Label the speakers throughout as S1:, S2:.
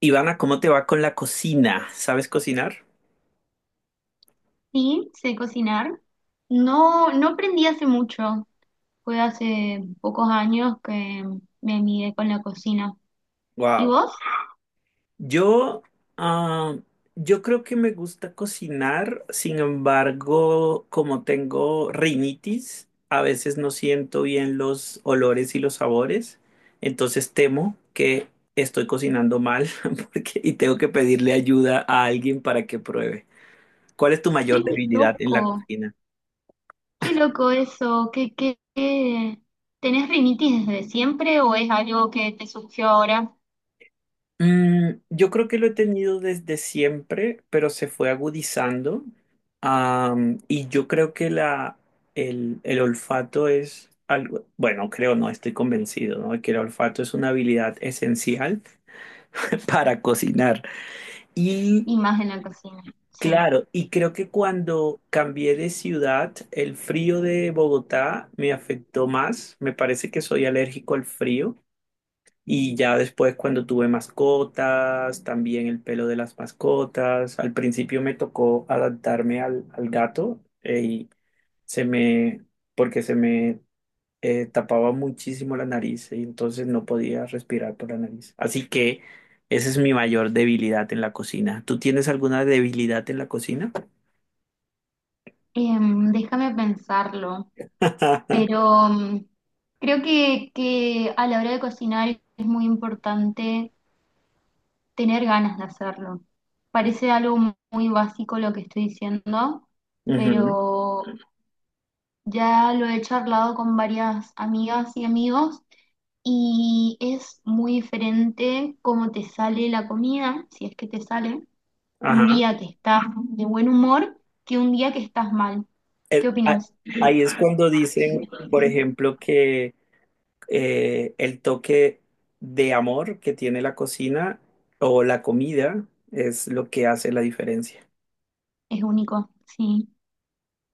S1: Ivana, ¿cómo te va con la cocina? ¿Sabes cocinar?
S2: Sí, sé cocinar. No, no aprendí hace mucho. Fue hace pocos años que me amigué con la cocina. ¿Y
S1: Wow.
S2: vos?
S1: Yo, ah, yo creo que me gusta cocinar, sin embargo, como tengo rinitis, a veces no siento bien los olores y los sabores, entonces temo que estoy cocinando mal y tengo que pedirle ayuda a alguien para que pruebe. ¿Cuál es tu
S2: Qué
S1: mayor debilidad en la
S2: loco,
S1: cocina?
S2: qué loco eso. ¿Tenés rinitis desde siempre o es algo que te surgió ahora
S1: Yo creo que lo he tenido desde siempre, pero se fue agudizando. Y yo creo que el olfato es algo, bueno, creo, no estoy convencido, ¿no? Que el olfato es una habilidad esencial para cocinar. Y
S2: y más en la cocina? Sí.
S1: claro, y creo que cuando cambié de ciudad, el frío de Bogotá me afectó más. Me parece que soy alérgico al frío. Y ya después cuando tuve mascotas, también el pelo de las mascotas. Al principio me tocó adaptarme al gato y se me, porque se me tapaba muchísimo la nariz y entonces no podía respirar por la nariz. Así que esa es mi mayor debilidad en la cocina. ¿Tú tienes alguna debilidad en la cocina?
S2: Déjame pensarlo. Pero creo que a la hora de cocinar es muy importante tener ganas de hacerlo. Parece algo muy básico lo que estoy diciendo,
S1: Ujú.
S2: pero ya lo he charlado con varias amigas y amigos, y es muy diferente cómo te sale la comida, si es que te sale, un
S1: Ajá.
S2: día que estás de buen humor que un día que estás mal. ¿Qué
S1: Eh, a-
S2: opinas?
S1: ahí es cuando dicen, por ejemplo, que el toque de amor que tiene la cocina o la comida es lo que hace la diferencia.
S2: Es único, sí.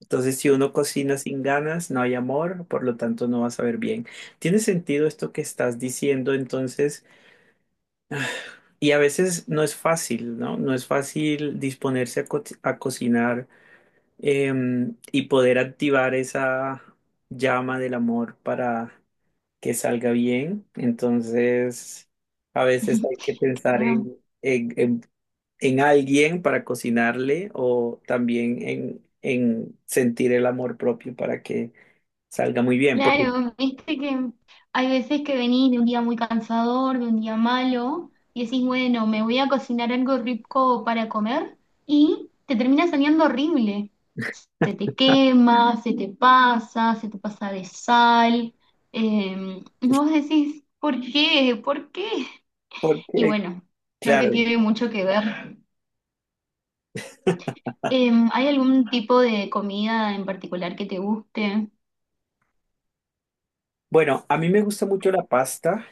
S1: Entonces, si uno cocina sin ganas, no hay amor, por lo tanto no va a saber bien. Tiene sentido esto que estás diciendo, entonces, y a veces no es fácil, ¿no? No es fácil disponerse a, co- a cocinar y poder activar esa llama del amor para que salga bien. Entonces, a veces hay que pensar
S2: Claro.
S1: en alguien para cocinarle o también en sentir el amor propio para que salga muy bien.
S2: Claro, viste que hay veces que venís de un día muy cansador, de un día malo, y decís, bueno, me voy a cocinar algo rico para comer, y te termina saliendo horrible. Se te quema, se te pasa de sal. Y vos decís, ¿por qué? ¿Por qué? Y
S1: Porque,
S2: bueno, creo que
S1: claro,
S2: tiene mucho que ver. ¿Hay algún tipo de comida en particular que te guste?
S1: bueno, a mí me gusta mucho la pasta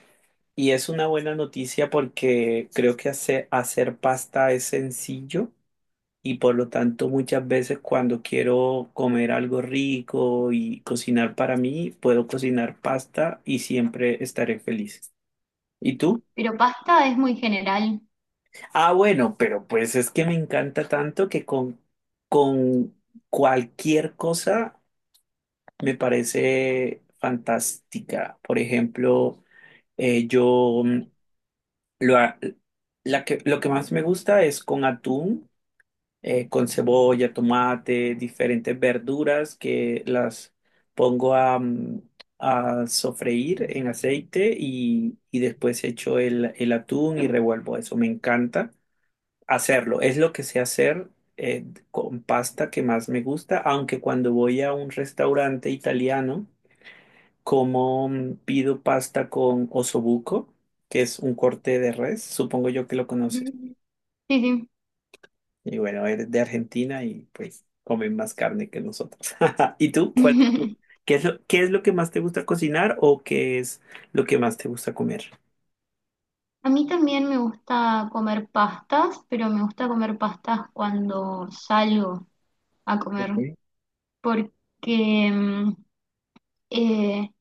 S1: y es una buena noticia porque creo que hacer pasta es sencillo. Y por lo tanto muchas veces cuando quiero comer algo rico y cocinar para mí, puedo cocinar pasta y siempre estaré feliz. ¿Y tú?
S2: Pero pasta es muy general.
S1: Ah, bueno, pero pues es que me encanta tanto que con cualquier cosa me parece fantástica. Por ejemplo, yo mm, lo, ha- la que, lo que más me gusta es con atún con cebolla, tomate, diferentes verduras que las pongo a sofreír en aceite y después echo el atún y revuelvo eso. Me encanta hacerlo. Es lo que sé hacer con pasta que más me gusta, aunque cuando voy a un restaurante italiano, como pido pasta con osobuco, que es un corte de res, supongo yo que lo conoces.
S2: Ujú. Sí, sí.
S1: Y bueno, eres de Argentina y pues comen más carne que nosotros. ¿Y tú? ¿Cuál ¿Qué es lo que más te gusta cocinar o qué es lo que más te gusta comer?
S2: A mí también me gusta comer pastas, pero me gusta comer pastas cuando salgo a comer,
S1: Ok.
S2: porque eh,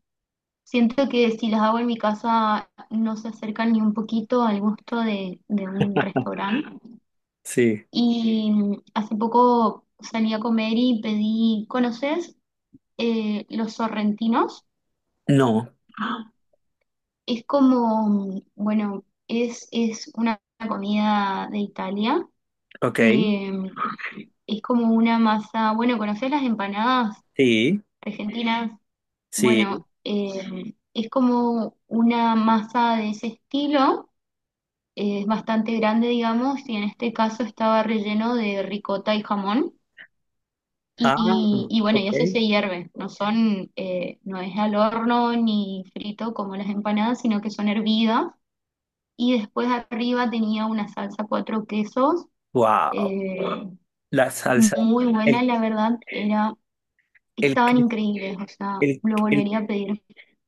S2: siento que si las hago en mi casa no se acercan ni un poquito al gusto de un restaurante.
S1: Sí.
S2: Y hace poco salí a comer y pedí, ¿conoces los sorrentinos?
S1: No.
S2: Es como, bueno, es una comida de Italia
S1: Ok.
S2: que es como una masa, bueno, ¿conocés las empanadas
S1: Sí.
S2: argentinas?
S1: Sí.
S2: Bueno, es como una masa de ese estilo, es bastante grande, digamos, y en este caso estaba relleno de ricota y jamón.
S1: Ah,
S2: Y bueno, y eso
S1: ok.
S2: se hierve, no son, no es al horno ni frito como las empanadas, sino que son hervidas. Y después arriba tenía una salsa cuatro quesos,
S1: Wow.
S2: eh,
S1: La salsa.
S2: muy buena,
S1: El,
S2: la verdad, era.
S1: el,
S2: Estaban
S1: que-
S2: increíbles, o sea,
S1: el,
S2: lo
S1: el,
S2: volvería a pedir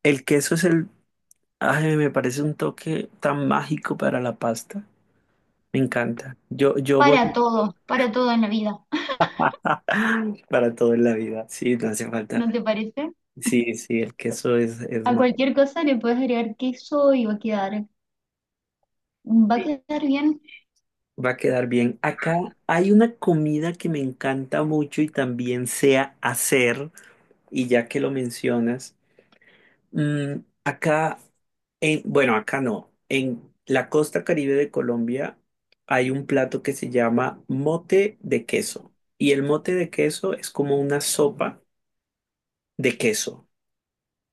S1: el queso es el. Ay, me parece un toque tan mágico para la pasta. Me encanta. Yo voy
S2: para todo en la vida,
S1: para todo en la vida. Sí, no hace falta.
S2: ¿no te parece?
S1: Sí, sí, el queso es
S2: A
S1: más.
S2: cualquier cosa le puedes agregar queso y va a
S1: Sí,
S2: quedar bien.
S1: va a quedar bien. Acá hay una comida que me encanta mucho y también sé hacer, y ya que lo mencionas, mm, acá, bueno, acá no, en la costa Caribe de Colombia hay un plato que se llama mote de queso, y el mote de queso es como una sopa de queso.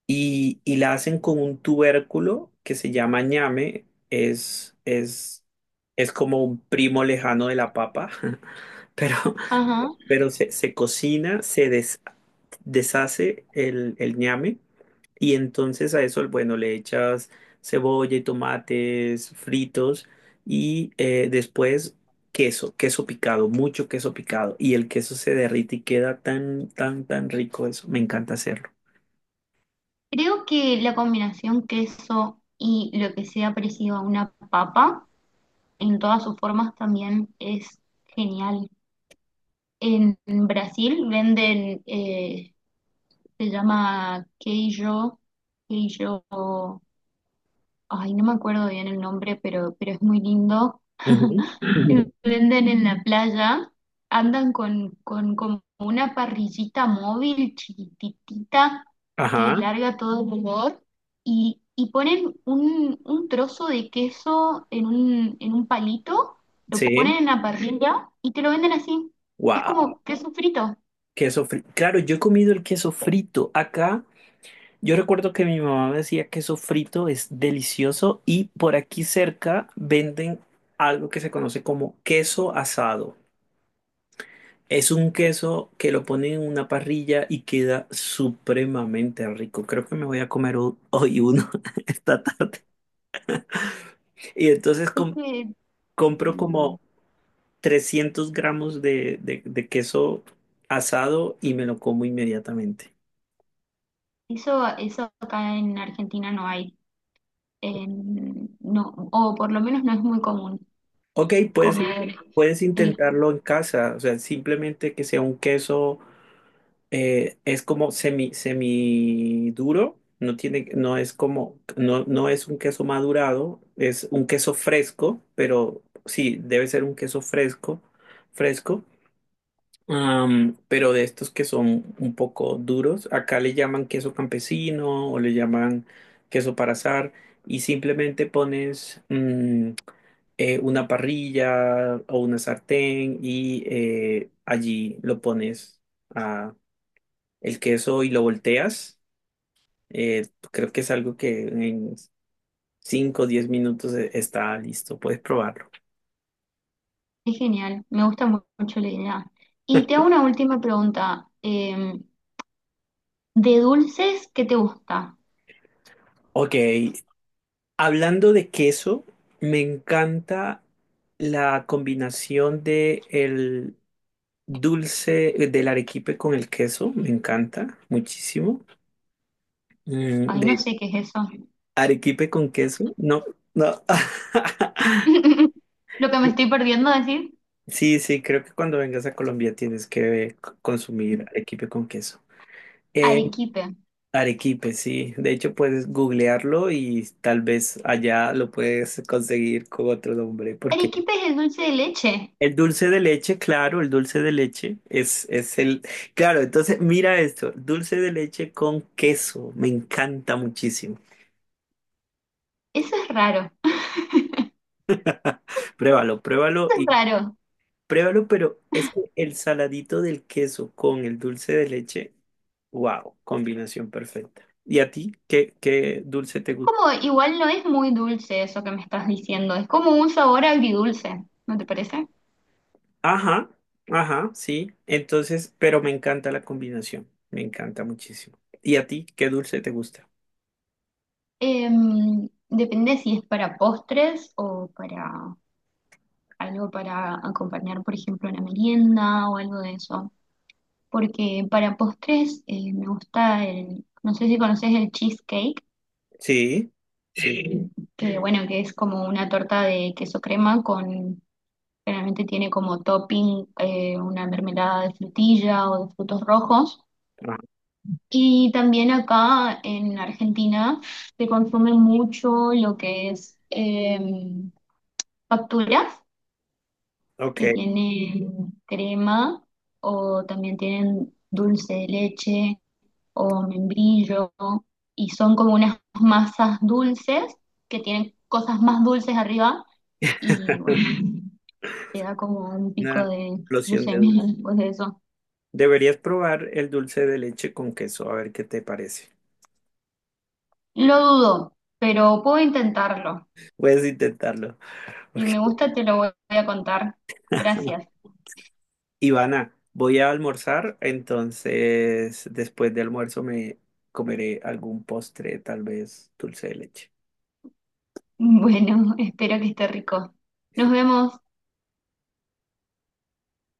S1: Y la hacen con un tubérculo que se llama ñame, es como un primo lejano de la papa, pero,
S2: Ajá.
S1: pero se cocina, deshace el ñame y entonces a eso, bueno, le echas cebolla y tomates fritos y después queso, queso picado, mucho queso picado y el queso se derrite y queda tan, tan, tan rico eso, me encanta hacerlo.
S2: Creo que la combinación queso y lo que sea parecido a una papa, en todas sus formas también es genial. En Brasil venden, se llama queijo, queijo, ay, no me acuerdo bien el nombre, pero es muy lindo,
S1: Ujú.
S2: lo venden en la playa, andan con como una parrillita móvil chiquitita que
S1: Ajá,
S2: larga todo el olor, y ponen un trozo de queso en un palito, lo
S1: sí.
S2: ponen en la parrilla y te lo venden así. Es
S1: Wow,
S2: como queso frito.
S1: queso frito. Claro, yo he comido el queso frito acá. Yo recuerdo que mi mamá me decía queso frito es delicioso y por aquí cerca venden algo que se conoce como queso asado. Es un queso que lo ponen en una parrilla y queda supremamente rico. Creo que me voy a comer hoy uno esta tarde. Y entonces
S2: Es que
S1: compro
S2: mm,
S1: como 300 gramos de queso asado y me lo como inmediatamente.
S2: Eso, eso acá en Argentina no hay. No, o por lo menos no es muy común
S1: Ok,
S2: comer
S1: puedes
S2: el.
S1: intentarlo en casa, o sea, simplemente que sea un queso, es como semi duro, no tiene, no es como, no es un queso madurado, es un queso fresco, pero sí, debe ser un queso fresco, fresco. Pero de estos que son un poco duros, acá le llaman queso campesino o le llaman queso para asar y simplemente pones una parrilla o una sartén y allí lo pones a el queso y lo volteas. Creo que es algo que en cinco o 10 minutos está listo, puedes probarlo.
S2: Es genial, me gusta mucho la idea. Y te hago una última pregunta. ¿De dulces qué te gusta?
S1: Ok, hablando de queso, me encanta la combinación de el dulce del arequipe con el queso, me encanta muchísimo.
S2: Ay, no
S1: De
S2: sé qué es eso.
S1: arequipe con queso, no, no.
S2: Lo que me estoy perdiendo decir.
S1: Sí, sí, creo que cuando vengas a Colombia tienes que consumir arequipe con queso. Eh,
S2: Arequipe.
S1: arequipe, sí. De hecho, puedes googlearlo y tal vez allá lo puedes conseguir con otro nombre, porque
S2: Arequipe es el dulce de leche.
S1: el dulce de leche, claro, el dulce de leche es el... Claro, entonces mira esto, dulce de leche con queso, me encanta muchísimo.
S2: Eso es raro. Eso
S1: Pruébalo, pruébalo
S2: es
S1: y
S2: raro.
S1: pruébalo, pero es que el saladito del queso con el dulce de leche, wow, combinación perfecta. ¿Y a ti qué dulce te
S2: Es
S1: gusta?
S2: como, igual no es muy dulce eso que me estás diciendo. Es como un sabor agridulce, ¿no te parece?
S1: Ajá, ajá, sí, entonces, pero me encanta la combinación, me encanta muchísimo. ¿Y a ti qué dulce te gusta?
S2: Depende si es para postres o para algo para acompañar, por ejemplo, una merienda o algo de eso. Porque para postres, me gusta el, no sé si conoces el cheesecake,
S1: Sí, sí,
S2: que bueno, que es como una torta de queso crema con, generalmente tiene como topping, una mermelada de frutilla o de frutos rojos.
S1: ajá,
S2: Y también acá en Argentina se consume mucho lo que es facturas
S1: ok.
S2: que tiene crema o también tienen dulce de leche o membrillo, y son como unas masas dulces que tienen cosas más dulces arriba, y bueno, te da como un
S1: Una
S2: pico de
S1: explosión de
S2: glucemia
S1: dulce.
S2: después de eso.
S1: Deberías probar el dulce de leche con queso, a ver qué te parece.
S2: Lo dudo, pero puedo intentarlo.
S1: Puedes intentarlo.
S2: Si me
S1: Ok.
S2: gusta te lo voy a contar. Gracias.
S1: Ivana, voy a almorzar, entonces después de almuerzo me comeré algún postre, tal vez dulce de leche.
S2: Bueno, espero que esté rico. Nos vemos.